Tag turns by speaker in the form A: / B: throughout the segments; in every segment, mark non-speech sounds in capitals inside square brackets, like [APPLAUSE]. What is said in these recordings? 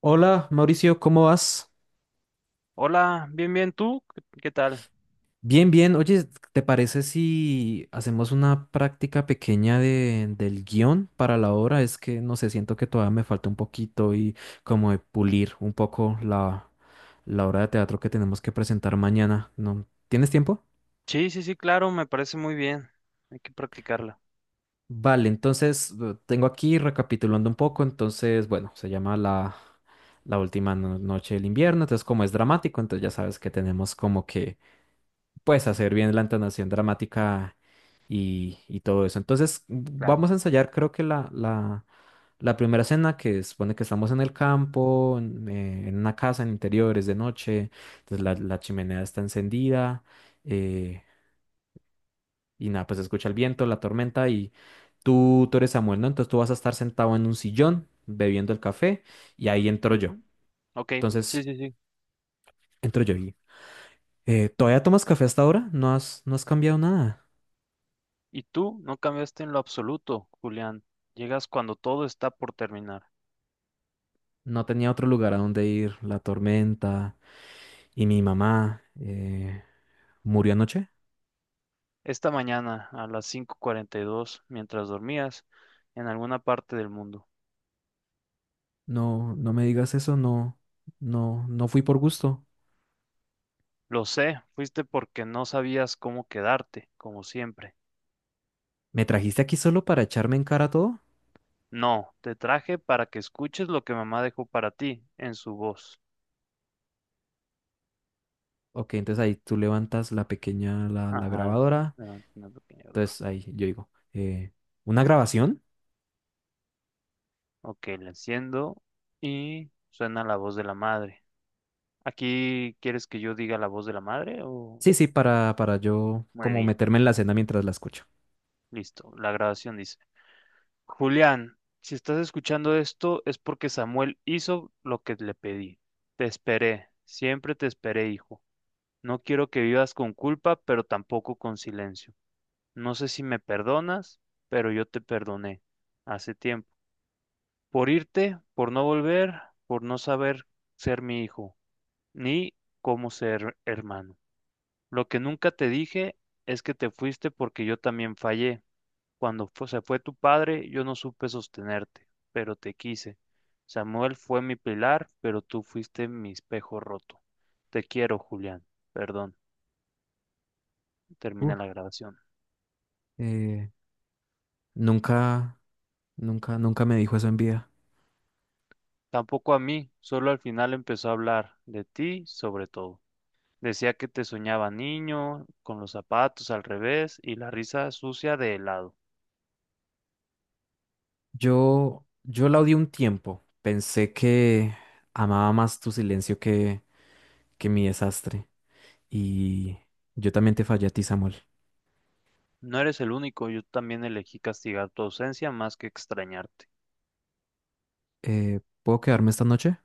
A: Hola, Mauricio, ¿cómo vas?
B: Hola, bien, bien, ¿tú? ¿Qué tal?
A: Bien, bien. Oye, ¿te parece si hacemos una práctica pequeña del guión para la obra? Es que no sé, siento que todavía me falta un poquito y como de pulir un poco la obra de teatro que tenemos que presentar mañana, ¿no? ¿Tienes tiempo?
B: Sí, sí, sí, claro, me parece muy bien. Hay que practicarla,
A: Vale, entonces tengo aquí recapitulando un poco. Entonces, bueno, se llama la última noche del invierno. Entonces, como es dramático, entonces ya sabes que tenemos como que pues hacer bien la entonación dramática y todo eso. Entonces
B: claro.
A: vamos a ensayar creo que la primera escena que supone que estamos en el campo, en una casa, en interiores de noche, entonces la chimenea está encendida eh, y nada, pues se escucha el viento, la tormenta y tú eres Samuel, ¿no? Entonces tú vas a estar sentado en un sillón bebiendo el café y ahí entro yo.
B: Ujú. Ok, sí,
A: Entonces
B: sí, sí.
A: entro yo y... ¿todavía tomas café hasta ahora? ¿No has cambiado nada?
B: Y tú no cambiaste en lo absoluto, Julián. Llegas cuando todo está por terminar.
A: No tenía otro lugar a donde ir, la tormenta y mi mamá murió anoche.
B: Esta mañana, a las 5:42, mientras dormías, en alguna parte del mundo.
A: No, no me digas eso, no, no, no fui por gusto.
B: Lo sé, fuiste porque no sabías cómo quedarte, como siempre.
A: ¿Me trajiste aquí solo para echarme en cara todo?
B: No, te traje para que escuches lo que mamá dejó para ti en su voz.
A: Ok, entonces ahí tú levantas la pequeña, la
B: Ajá.
A: grabadora.
B: Ah, una pequeña...
A: Entonces ahí yo digo, ¿una grabación?
B: Ok, la enciendo y suena la voz de la madre. ¿Aquí quieres que yo diga la voz de la madre o...?
A: Sí, sí, para yo
B: Muy
A: como
B: bien,
A: meterme en la escena mientras la escucho.
B: listo. La grabación dice, Julián, si estás escuchando esto es porque Samuel hizo lo que le pedí. Te esperé, siempre te esperé, hijo. No quiero que vivas con culpa, pero tampoco con silencio. No sé si me perdonas, pero yo te perdoné hace tiempo. Por irte, por no volver, por no saber ser mi hijo, ni cómo ser hermano. Lo que nunca te dije es que te fuiste porque yo también fallé. Cuando se fue tu padre, yo no supe sostenerte, pero te quise. Samuel fue mi pilar, pero tú fuiste mi espejo roto. Te quiero, Julián. Perdón, termina la
A: Uf.
B: grabación.
A: Eh, nunca, nunca, nunca me dijo eso en vida.
B: Tampoco a mí, solo al final empezó a hablar de ti, sobre todo. Decía que te soñaba niño, con los zapatos al revés y la risa sucia de helado.
A: Yo la odié un tiempo. Pensé que amaba más tu silencio que mi desastre. Y yo también te fallé a ti, Samuel.
B: No eres el único, yo también elegí castigar tu ausencia más que extrañarte.
A: ¿Puedo quedarme esta noche?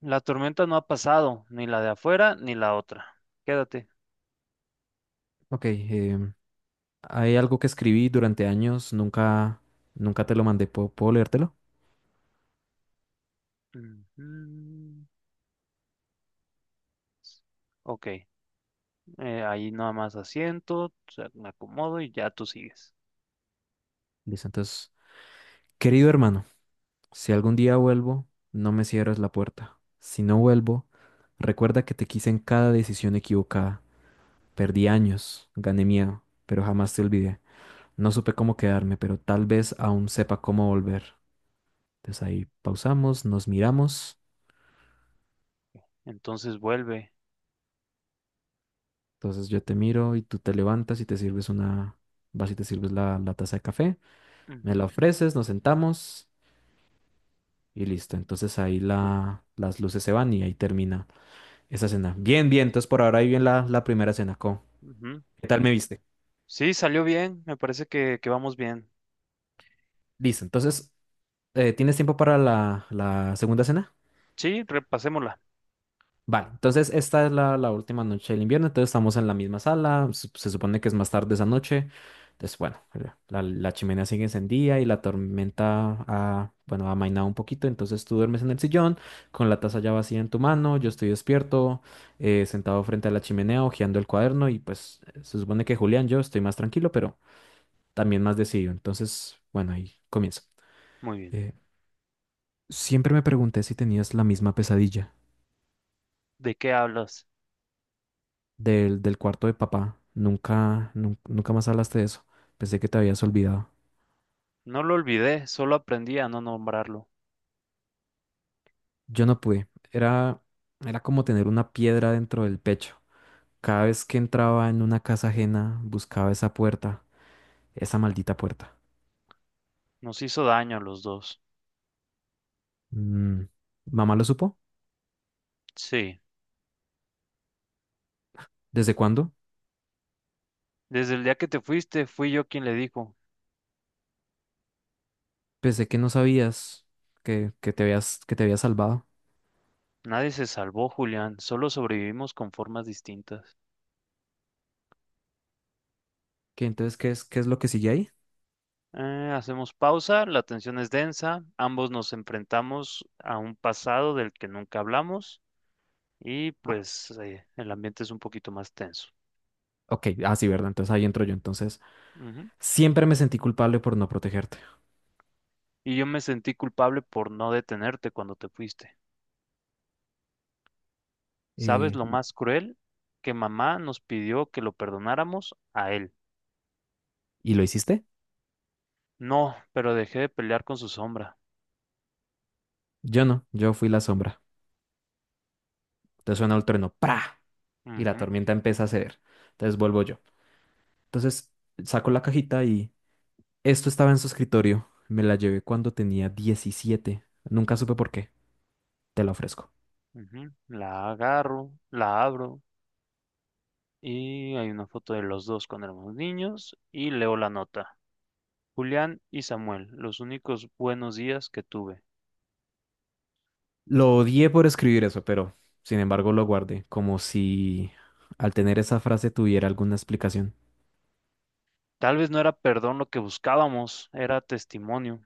B: La tormenta no ha pasado, ni la de afuera ni la otra. Quédate.
A: Ok, hay algo que escribí durante años, nunca, nunca te lo mandé. ¿Puedo, puedo leértelo?
B: Ujú. Ok, ahí nada más asiento, o sea, me acomodo y ya tú sigues.
A: Listo, entonces, querido hermano, si algún día vuelvo, no me cierres la puerta. Si no vuelvo, recuerda que te quise en cada decisión equivocada. Perdí años, gané miedo, pero jamás te olvidé. No supe cómo quedarme, pero tal vez aún sepa cómo volver. Entonces ahí pausamos, nos miramos.
B: Entonces vuelve.
A: Entonces yo te miro y tú te levantas y te sirves una, vas y te sirves la taza de café, me
B: Ujú.
A: la ofreces, nos sentamos y listo. Entonces ahí
B: Sí,
A: la, las luces se van y ahí termina esa cena. Bien, bien, entonces por ahora ahí bien la primera cena. ¿Cómo?
B: ujú.
A: ¿Qué tal me viste?
B: Sí, salió bien, me parece que vamos bien.
A: Listo, entonces, ¿tienes tiempo para la segunda cena?
B: Sí, repasémosla.
A: Vale, entonces esta es la última noche del invierno, entonces estamos en la misma sala, se supone que es más tarde esa noche, entonces bueno, la chimenea sigue encendida y la tormenta ha, bueno, ha amainado un poquito, entonces tú duermes en el sillón con la taza ya vacía en tu mano, yo estoy despierto, sentado frente a la chimenea, hojeando el cuaderno y pues se supone que Julián, yo estoy más tranquilo, pero también más decidido, entonces bueno, ahí comienzo.
B: Muy bien.
A: Eh, siempre me pregunté si tenías la misma pesadilla.
B: ¿De qué hablas?
A: Del del cuarto de papá. Nunca, nunca más hablaste de eso. Pensé que te habías olvidado.
B: No lo olvidé, solo aprendí a no nombrarlo.
A: Yo no pude. Era, era como tener una piedra dentro del pecho. Cada vez que entraba en una casa ajena, buscaba esa puerta, esa maldita puerta.
B: Nos hizo daño a los dos.
A: Mm, ¿mamá lo supo?
B: Sí.
A: ¿Desde cuándo?
B: Desde el día que te fuiste, fui yo quien le dijo,
A: Pensé que no sabías que te habías salvado.
B: nadie se salvó, Julián, solo sobrevivimos con formas distintas.
A: ¿Qué, entonces, qué es lo que sigue ahí?
B: Hacemos pausa, la tensión es densa, ambos nos enfrentamos a un pasado del que nunca hablamos y
A: Ah,
B: pues el ambiente es un poquito más tenso.
A: ok, ah, sí, verdad. Entonces ahí entro yo. Entonces,
B: Ujú.
A: siempre me sentí culpable por no protegerte.
B: Y yo me sentí culpable por no detenerte cuando te fuiste. ¿Sabes
A: Eh,
B: lo más cruel? Que mamá nos pidió que lo perdonáramos a él.
A: ¿Y lo hiciste?
B: No, pero dejé de pelear con su sombra.
A: Yo no, yo fui la sombra. Entonces suena el trueno, ¡pra! Y la
B: Ujú.
A: tormenta empieza a ceder. Entonces vuelvo yo. Entonces saco la cajita y esto estaba en su escritorio. Me la llevé cuando tenía 17. Nunca supe por qué. Te la ofrezco.
B: Ujú. La agarro, la abro y hay una foto de los dos cuando éramos niños y leo la nota. Julián y Samuel, los únicos buenos días que tuve.
A: Lo odié por escribir eso, pero sin embargo lo guardé, como si al tener esa frase tuviera alguna explicación.
B: Tal vez no era perdón lo que buscábamos, era testimonio.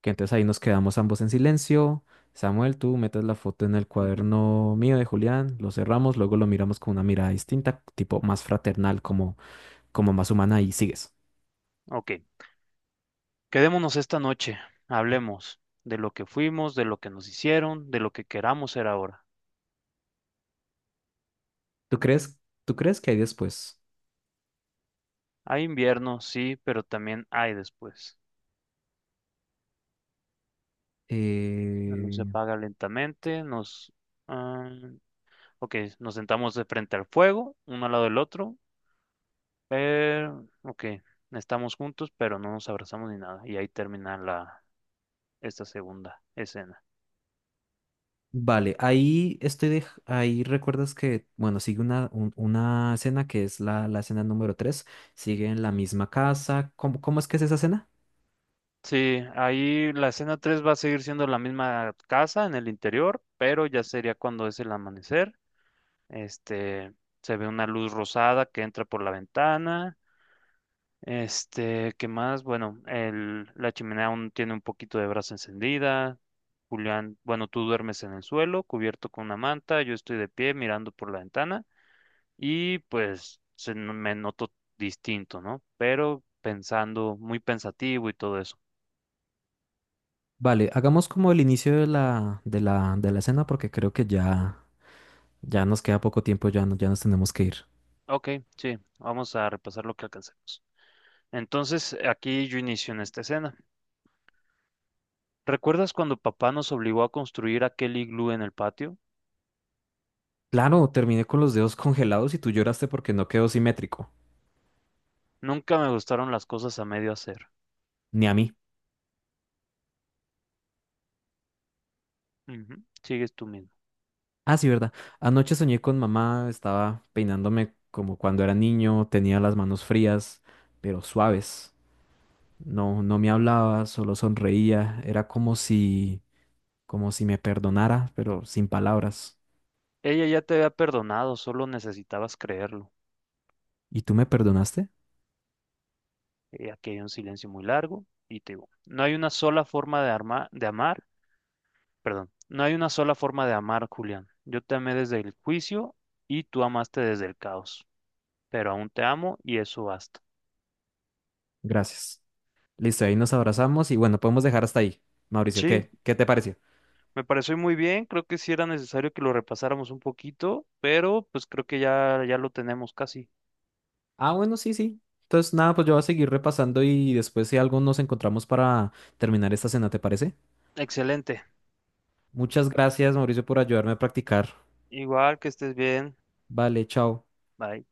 A: Que entonces ahí nos quedamos ambos en silencio. Samuel, tú metes la foto en el
B: Ujú.
A: cuaderno mío de Julián, lo cerramos, luego lo miramos con una mirada distinta, tipo más fraternal, como como más humana y sigues.
B: Ok, quedémonos esta noche, hablemos de lo que fuimos, de lo que nos hicieron, de lo que queramos ser ahora.
A: ¿Tú crees, tú crees que hay después?
B: Hay invierno, sí, pero también hay después. La luz se
A: Eh,
B: apaga lentamente, nos... ah, ok, nos sentamos de frente al fuego, uno al lado del otro, pero, ok, estamos juntos, pero no nos abrazamos ni nada. Y ahí termina la, esta segunda escena.
A: vale, ahí estoy de, ahí recuerdas que, bueno, sigue una, una escena que es la escena número 3 sigue en la misma casa. ¿Cómo, cómo es que es esa escena?
B: Sí, ahí la escena 3 va a seguir siendo la misma casa en el interior, pero ya sería cuando es el amanecer. Este, se ve una luz rosada que entra por la ventana. Este, ¿qué más? Bueno, el, la chimenea aún tiene un poquito de brasa encendida. Julián, bueno, tú duermes en el suelo, cubierto con una manta, yo estoy de pie mirando por la ventana y pues se, me noto distinto, ¿no? Pero pensando, muy pensativo y todo eso.
A: Vale, hagamos como el inicio de de la escena porque creo que ya, ya nos queda poco tiempo, ya, ya nos tenemos que ir.
B: Ok, sí, vamos a repasar lo que alcancemos. Entonces, aquí yo inicio en esta escena. ¿Recuerdas cuando papá nos obligó a construir aquel iglú en el patio?
A: Claro, terminé con los dedos [LAUGHS] congelados y tú lloraste porque no quedó simétrico,
B: Nunca me gustaron las cosas a medio hacer.
A: ni a mí.
B: Ujú. Sigues tú mismo.
A: Ah, sí, verdad. Anoche soñé con mamá, estaba peinándome como cuando era niño, tenía las manos frías, pero suaves. No, no me hablaba, solo sonreía. Era como si me perdonara, pero sin palabras.
B: Ella ya te había perdonado, solo necesitabas creerlo.
A: ¿Y tú me perdonaste?
B: Aquí hay un silencio muy largo y te digo, no hay una sola forma de, de amar, perdón, no hay una sola forma de amar, Julián. Yo te amé desde el juicio y tú amaste desde el caos, pero aún te amo y eso basta.
A: Gracias. Listo, ahí nos abrazamos y bueno, podemos dejar hasta ahí. Mauricio,
B: Sí,
A: ¿qué? ¿Qué te pareció?
B: me pareció muy bien, creo que sí era necesario que lo repasáramos un poquito, pero pues creo que ya, ya lo tenemos casi.
A: Ah, bueno, sí, sí. Entonces, nada, pues yo voy a seguir repasando y después si algo nos encontramos para terminar esta cena, ¿te parece?
B: Excelente.
A: Muchas gracias, Mauricio, por ayudarme a practicar.
B: Igual que estés bien.
A: Vale, chao.
B: Bye.